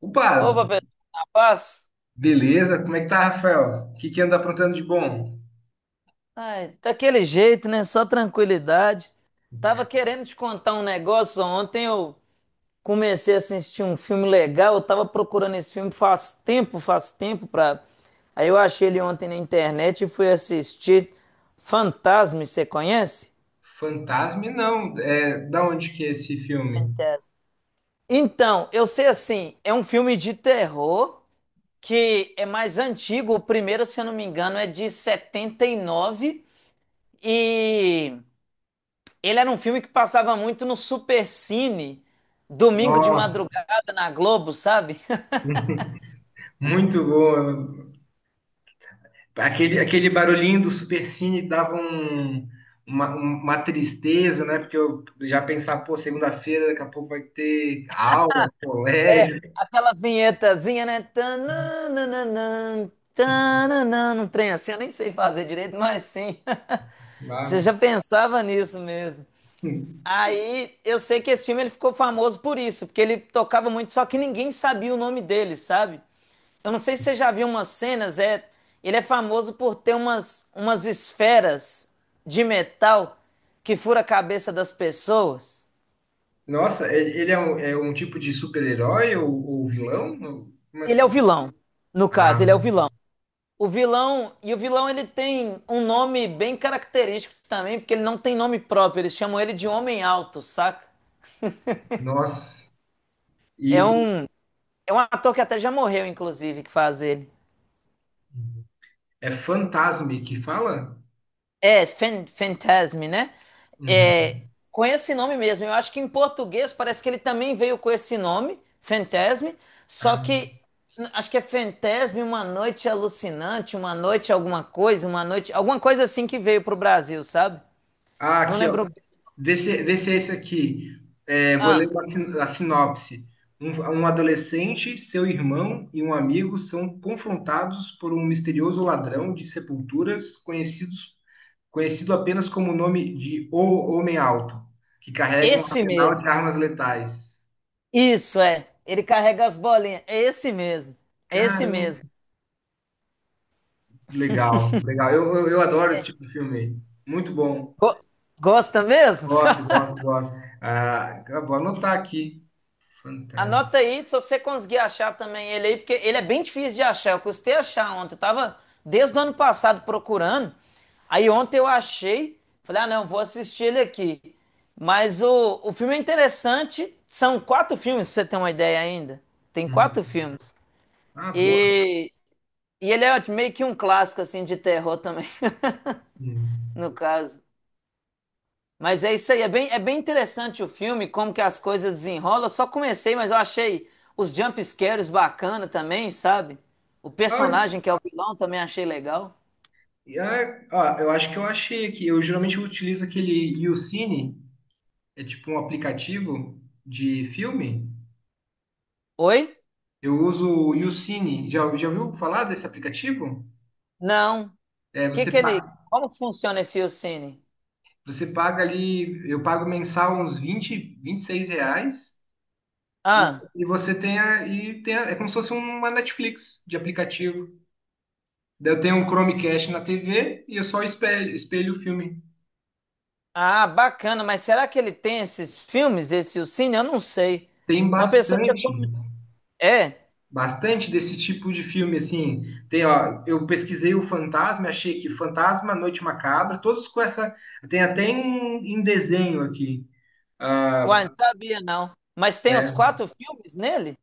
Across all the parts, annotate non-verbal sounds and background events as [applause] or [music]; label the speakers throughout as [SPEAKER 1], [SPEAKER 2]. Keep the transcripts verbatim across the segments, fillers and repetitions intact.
[SPEAKER 1] Opa,
[SPEAKER 2] Opa, pessoal, na paz?
[SPEAKER 1] beleza? Como é que tá, Rafael? O que que anda aprontando de bom?
[SPEAKER 2] Ai, daquele jeito, né? Só tranquilidade. Tava
[SPEAKER 1] É,
[SPEAKER 2] querendo te contar um negócio. Ontem eu comecei a assistir um filme legal. Eu tava procurando esse filme faz tempo, faz tempo pra. Aí eu achei ele ontem na internet e fui assistir Fantasma, você conhece?
[SPEAKER 1] Fantasma? Não. É, da onde que é esse filme?
[SPEAKER 2] Fantasma. Então, eu sei assim, é um filme de terror que é mais antigo. O primeiro, se eu não me engano, é de setenta e nove e ele era um filme que passava muito no Supercine, domingo de
[SPEAKER 1] Nossa,
[SPEAKER 2] madrugada na Globo, sabe? [laughs]
[SPEAKER 1] muito bom. Aquele, aquele barulhinho do Supercine dava um- uma, uma tristeza, né? Porque eu já pensava, pô, segunda-feira daqui a pouco vai ter aula, colégio.
[SPEAKER 2] Aquela vinhetazinha, né? Tananana, tananana, um trem assim, eu nem sei fazer direito, mas sim. [laughs] Já,
[SPEAKER 1] Lá.
[SPEAKER 2] já pensava nisso mesmo. Aí eu sei que esse filme ele ficou famoso por isso, porque ele tocava muito, só que ninguém sabia o nome dele, sabe? Eu não sei se você já viu umas cenas, é, ele é famoso por ter umas, umas esferas de metal que fura a cabeça das pessoas.
[SPEAKER 1] Nossa, e- ele é um, é um tipo de super-herói ou, ou vilão? Como
[SPEAKER 2] Ele é o
[SPEAKER 1] assim?
[SPEAKER 2] vilão, no
[SPEAKER 1] Ah,
[SPEAKER 2] caso, ele é o vilão. O vilão, e o vilão ele tem um nome bem característico também, porque ele não tem nome próprio, eles chamam ele de Homem Alto, saca?
[SPEAKER 1] nossa.
[SPEAKER 2] É
[SPEAKER 1] E,
[SPEAKER 2] um, é um ator que até já morreu, inclusive, que faz ele.
[SPEAKER 1] é Fantasme que fala?
[SPEAKER 2] É, Fan- Fantasm, né?
[SPEAKER 1] Uhum.
[SPEAKER 2] É, com esse nome mesmo. Eu acho que em português parece que ele também veio com esse nome, Fantasm, só
[SPEAKER 1] Ah,
[SPEAKER 2] que n- acho que é Fantasm, uma noite alucinante, uma noite alguma coisa, uma noite, alguma coisa assim que veio pro Brasil, sabe?
[SPEAKER 1] ah,
[SPEAKER 2] Não
[SPEAKER 1] aqui, ó.
[SPEAKER 2] lembro bem.
[SPEAKER 1] Vê se, vê se é esse aqui. É, vou ler
[SPEAKER 2] Ah,
[SPEAKER 1] uma sin- a sinopse. Um, um adolescente, seu irmão e um amigo são confrontados por um misterioso ladrão de sepulturas conhecidos, conhecido apenas como o nome de O Homem Alto, que carrega um
[SPEAKER 2] esse
[SPEAKER 1] arsenal de
[SPEAKER 2] mesmo.
[SPEAKER 1] armas letais.
[SPEAKER 2] Isso é. Ele carrega as bolinhas. É esse mesmo. É esse
[SPEAKER 1] Caramba,
[SPEAKER 2] mesmo.
[SPEAKER 1] legal, legal. Eu, eu, eu adoro esse tipo de filme. Aí. Muito bom.
[SPEAKER 2] Go- gosta mesmo?
[SPEAKER 1] Gosto, gosto,
[SPEAKER 2] [laughs]
[SPEAKER 1] gosto. Ah, vou anotar aqui. Fantasma.
[SPEAKER 2] Anota aí, se você conseguir achar também ele aí, porque ele é bem difícil de achar. Eu custei achar ontem. Eu tava desde o ano passado procurando. Aí ontem eu achei. Falei, ah, não, vou assistir ele aqui. Mas o, o filme é interessante. São quatro filmes, pra você ter uma ideia ainda. Tem quatro
[SPEAKER 1] Hum.
[SPEAKER 2] filmes.
[SPEAKER 1] Ah, boa.
[SPEAKER 2] E, e ele é meio que um clássico, assim, de terror também, [laughs] no
[SPEAKER 1] Hum.
[SPEAKER 2] caso. Mas é isso aí, é bem, é bem interessante o filme, como que as coisas desenrolam. Eu só comecei, mas eu achei os jump scares bacana também, sabe? O
[SPEAKER 1] Ah,
[SPEAKER 2] personagem que é o vilão também achei legal.
[SPEAKER 1] e- ah, ah, eu acho que eu achei aqui. Eu geralmente utilizo aquele YouCine, é tipo um aplicativo de filme.
[SPEAKER 2] Oi?
[SPEAKER 1] Eu uso o YouCine. Já, já ouviu falar desse aplicativo?
[SPEAKER 2] Não.
[SPEAKER 1] É,
[SPEAKER 2] Que
[SPEAKER 1] você,
[SPEAKER 2] que ele,
[SPEAKER 1] pa-
[SPEAKER 2] como que funciona esse Yucine?
[SPEAKER 1] você paga ali, eu pago mensal uns vinte vinte e seis reais e,
[SPEAKER 2] Ah,
[SPEAKER 1] e você tem, a, e tem a- é como se fosse uma Netflix de aplicativo. Daí eu tenho um Chromecast na T V e eu só espelho, espelho o filme.
[SPEAKER 2] ah, bacana, mas será que ele tem esses filmes, esse Yucine? Eu não sei.
[SPEAKER 1] Tem
[SPEAKER 2] Uma pessoa tinha
[SPEAKER 1] bastante.
[SPEAKER 2] como... É,
[SPEAKER 1] Bastante desse tipo de filme, assim. Tem, ó, eu pesquisei o Fantasma, achei que Fantasma, Noite Macabra, todos com essa. Tem até em, em desenho aqui.
[SPEAKER 2] uai,
[SPEAKER 1] Ah,
[SPEAKER 2] não sabia não. Mas tem os
[SPEAKER 1] é,
[SPEAKER 2] quatro filmes nele?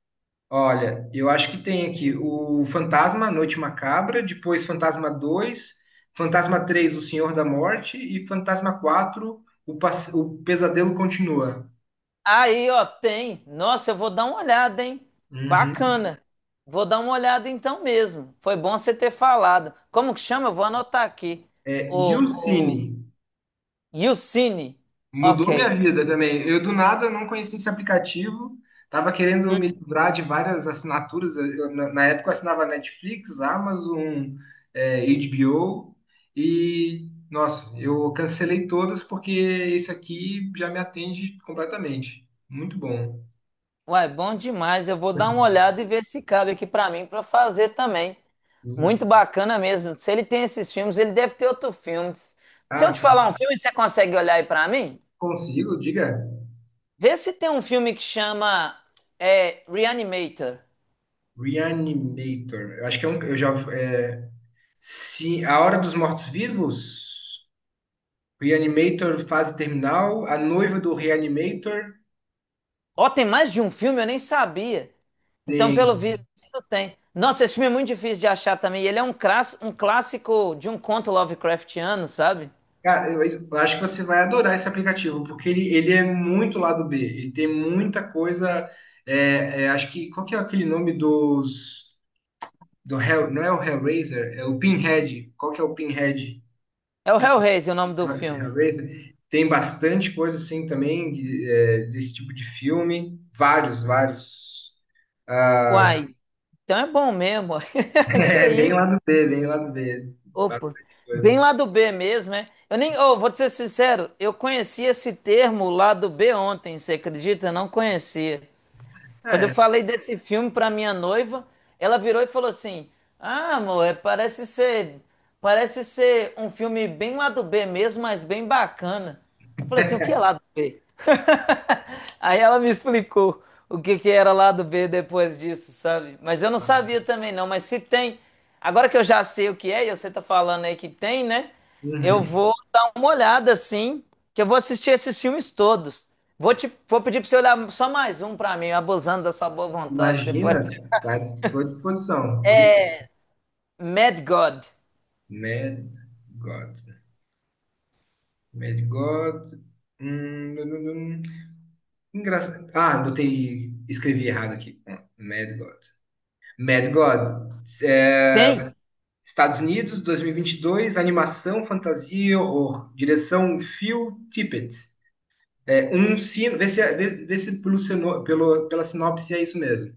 [SPEAKER 1] olha, eu acho que tem aqui o Fantasma, Noite Macabra, depois Fantasma dois, Fantasma três O Senhor da Morte, e Fantasma quatro O, Pass- o Pesadelo Continua.
[SPEAKER 2] Aí, ó, tem. Nossa, eu vou dar uma olhada, hein?
[SPEAKER 1] Uhum.
[SPEAKER 2] Bacana. Vou dar uma olhada então mesmo. Foi bom você ter falado. Como que chama? Eu vou anotar aqui.
[SPEAKER 1] É, e o
[SPEAKER 2] O, o
[SPEAKER 1] Cine?
[SPEAKER 2] Yucine. Ok.
[SPEAKER 1] Mudou minha vida também. Eu do nada não conhecia esse aplicativo, tava querendo me
[SPEAKER 2] Hum.
[SPEAKER 1] livrar de várias assinaturas. Eu, eu, na na época eu assinava Netflix, Amazon, é, H B O e nossa, eu cancelei todas porque esse aqui já me atende completamente. Muito bom.
[SPEAKER 2] Uai, bom demais. Eu vou dar uma olhada e ver se cabe aqui pra mim pra fazer também. Muito
[SPEAKER 1] E-
[SPEAKER 2] bacana mesmo. Se ele tem esses filmes, ele deve ter outros filmes. Se eu
[SPEAKER 1] ah,
[SPEAKER 2] te falar um filme, você consegue olhar aí pra mim?
[SPEAKER 1] consigo, diga.
[SPEAKER 2] Vê se tem um filme que chama é, Reanimator.
[SPEAKER 1] Reanimator. Eu acho que é um, eu já é, sim, A Hora dos Mortos-Vivos. Reanimator fase terminal, a noiva do Reanimator.
[SPEAKER 2] Ó, tem mais de um filme, eu nem sabia. Então,
[SPEAKER 1] Tem.
[SPEAKER 2] pelo visto, tem. Nossa, esse filme é muito difícil de achar também. E ele é um, crass, um clássico de um conto Lovecraftiano, sabe?
[SPEAKER 1] Cara, eu, eu acho que você vai adorar esse aplicativo, porque ele, ele é muito lado B. Ele tem muita coisa. é, é, acho que. Qual que é aquele nome dos. Do Hell, não é o Hellraiser, é o Pinhead. Qual que é o Pinhead?
[SPEAKER 2] É o
[SPEAKER 1] Pin-
[SPEAKER 2] Hellraiser, o nome do filme.
[SPEAKER 1] Hellraiser. Tem bastante coisa assim também de- é, desse tipo de filme. Vários, vários. [laughs]
[SPEAKER 2] Uai, então é bom mesmo. [laughs] Que
[SPEAKER 1] É bem
[SPEAKER 2] isso?
[SPEAKER 1] lado B, bem lado B.
[SPEAKER 2] Opa,
[SPEAKER 1] Bastante
[SPEAKER 2] bem
[SPEAKER 1] coisa.
[SPEAKER 2] lá do bê mesmo, é? Eu nem, oh, vou te ser sincero, eu conheci esse termo lá do bê ontem, você acredita? Eu não conhecia. Quando eu falei desse filme pra minha noiva, ela virou e falou assim: Ah, amor, é- parece ser, parece ser um filme bem lá do B mesmo, mas bem bacana. Eu falei assim: O que é lá do bê? [laughs] Aí ela me explicou o que que era lá do bê depois disso, sabe? Mas eu não sabia também não, mas se tem, agora que eu já sei o que é, e você tá falando aí que tem, né? Eu
[SPEAKER 1] Uhum.
[SPEAKER 2] vou dar uma olhada, sim, que eu vou assistir esses filmes todos. Vou te, vou pedir pra você olhar só mais um pra mim, abusando da sua boa vontade. Você pode.
[SPEAKER 1] Imagina, tá, estou à disposição. Diga.
[SPEAKER 2] É Mad God.
[SPEAKER 1] Mad God. Mad God. Hum, dum, dum, dum. Engraçado. Ah, botei. Escrevi errado aqui. Ah, Mad God. Mad God. É,
[SPEAKER 2] Tem?
[SPEAKER 1] Estados Unidos, dois mil e vinte e dois. Animação, fantasia e horror. Direção Phil Tippett. É, um sino. Vê se, é, vê, vê se pelo, sino- pelo, pela sinopse é isso mesmo.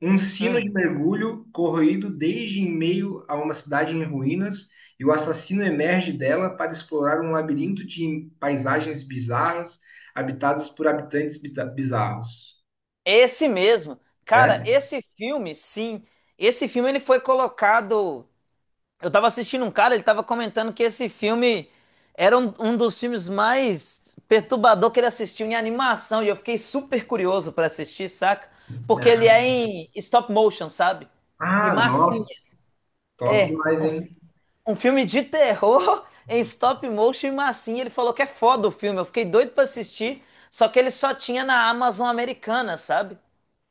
[SPEAKER 1] Um sino de
[SPEAKER 2] Hum,
[SPEAKER 1] mergulho corroído desde em meio a uma cidade em ruínas, e o assassino emerge dela para explorar um labirinto de paisagens bizarras, habitadas por habitantes bita- bizarros.
[SPEAKER 2] esse mesmo. Cara,
[SPEAKER 1] Né?
[SPEAKER 2] esse filme, sim. Esse filme ele foi colocado eu tava assistindo um cara, ele tava comentando que esse filme era um, um dos filmes mais perturbador que ele assistiu em animação, e eu fiquei super curioso pra assistir, saca? Porque ele é em stop motion, sabe? E
[SPEAKER 1] Ah,
[SPEAKER 2] massinha.
[SPEAKER 1] nossa, top
[SPEAKER 2] É,
[SPEAKER 1] demais, hein?
[SPEAKER 2] um, um filme de terror [laughs] em stop motion e massinha. Ele falou que é foda o filme, eu fiquei doido pra assistir, só que ele só tinha na Amazon americana, sabe?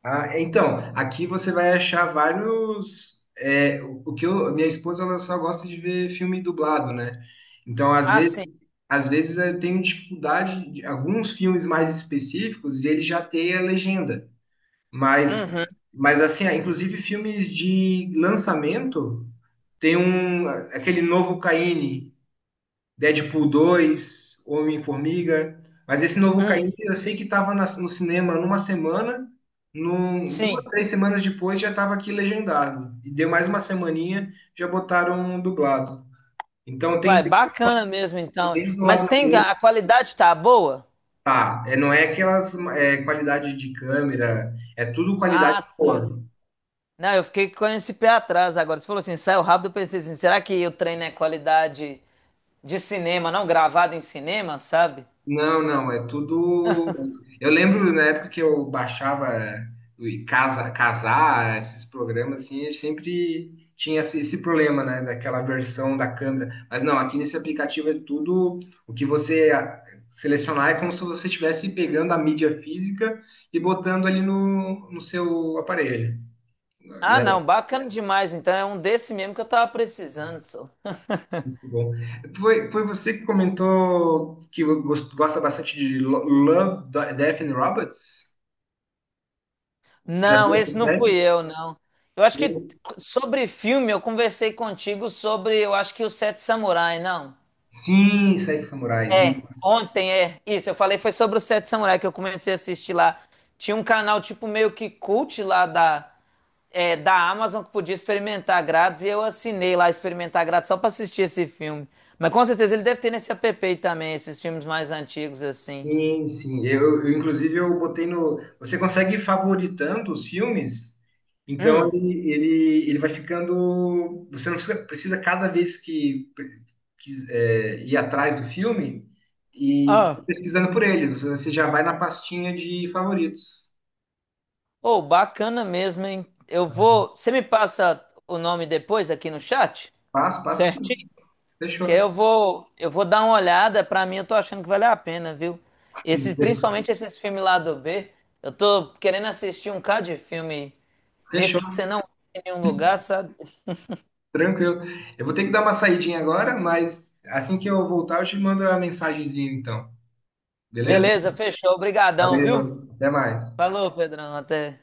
[SPEAKER 1] Ah, então, aqui você vai achar vários. É, o o que eu, minha esposa ela só gosta de ver filme dublado, né? Então, às
[SPEAKER 2] Ah,
[SPEAKER 1] vezes,
[SPEAKER 2] sim.
[SPEAKER 1] às vezes eu tenho dificuldade de alguns filmes mais específicos e ele já tem a legenda. Mas,
[SPEAKER 2] Uhum,
[SPEAKER 1] mas assim, ah, inclusive filmes de lançamento, tem um aquele novo Caine Deadpool dois, Homem-Formiga. Mas esse novo
[SPEAKER 2] uhum.
[SPEAKER 1] Caim, eu sei que estava no cinema numa semana, num, duas,
[SPEAKER 2] Sim.
[SPEAKER 1] três semanas depois já estava aqui legendado. E deu mais uma semaninha, já botaram um dublado. Então tem
[SPEAKER 2] Uai, bacana mesmo então.
[SPEAKER 1] desde do
[SPEAKER 2] Mas
[SPEAKER 1] lado
[SPEAKER 2] tem
[SPEAKER 1] ruim,
[SPEAKER 2] a a qualidade tá boa?
[SPEAKER 1] tá? É, não é aquelas é, qualidade de câmera, é tudo qualidade
[SPEAKER 2] Ah, tá.
[SPEAKER 1] boa.
[SPEAKER 2] Não, eu fiquei com esse pé atrás agora. Você falou assim, saiu rápido, eu pensei assim, será que o treino é qualidade de cinema, não gravado em cinema, sabe?
[SPEAKER 1] Não, não, é tudo. Eu lembro na época que eu baixava o casa, casar, esses programas assim, eu sempre tinha esse, esse problema, né, daquela versão da câmera. Mas não, aqui nesse aplicativo é tudo o que você a- selecionar é como se você estivesse pegando a mídia física e botando ali no, no seu aparelho,
[SPEAKER 2] Ah,
[SPEAKER 1] né?
[SPEAKER 2] não, bacana demais. Então é um desse mesmo que eu tava precisando, só. [laughs]
[SPEAKER 1] Muito bom. Foi, foi você que comentou que gos- gosta bastante de Lo- Love, Death and Robots? Já
[SPEAKER 2] Não,
[SPEAKER 1] viu essa
[SPEAKER 2] esse não fui
[SPEAKER 1] série?
[SPEAKER 2] eu, não. Eu acho que
[SPEAKER 1] Eu...
[SPEAKER 2] sobre filme eu conversei contigo sobre, eu acho que o Sete Samurai, não?
[SPEAKER 1] Sim, Sete Samurais,
[SPEAKER 2] É,
[SPEAKER 1] isso.
[SPEAKER 2] ontem é. Isso, eu falei foi sobre o Sete Samurai que eu comecei a assistir lá. Tinha um canal tipo meio que cult lá da é, da Amazon que podia experimentar grátis e eu assinei lá experimentar grátis só pra assistir esse filme. Mas com certeza ele deve ter nesse app aí também, esses filmes mais antigos assim.
[SPEAKER 1] Sim, sim. Eu, eu, inclusive, eu botei no. Você consegue ir favoritando os filmes, então
[SPEAKER 2] Hum.
[SPEAKER 1] ele, ele, ele vai ficando. Você não precisa, precisa cada vez que, que é, ir atrás do filme e fica
[SPEAKER 2] Ah,
[SPEAKER 1] pesquisando por ele. Você, você já vai na pastinha de favoritos.
[SPEAKER 2] oh, bacana mesmo, hein? Eu vou. Você me passa o nome depois aqui no chat?
[SPEAKER 1] Passo, passo
[SPEAKER 2] Certinho?
[SPEAKER 1] sim. Fechou.
[SPEAKER 2] Que aí eu vou, eu vou dar uma olhada. Pra mim, eu tô achando que vale a pena, viu? Esse, principalmente esses filmes lá do bê. Eu tô querendo assistir um cara de filme desses que
[SPEAKER 1] Fechou,
[SPEAKER 2] você não tem em nenhum lugar, sabe?
[SPEAKER 1] tranquilo. Eu vou ter que dar uma saidinha agora, mas assim que eu voltar, eu te mando a mensagenzinha, então. Beleza?
[SPEAKER 2] Beleza, fechou. Obrigadão, viu?
[SPEAKER 1] Valeu, até mais.
[SPEAKER 2] Falou, Pedrão. Até.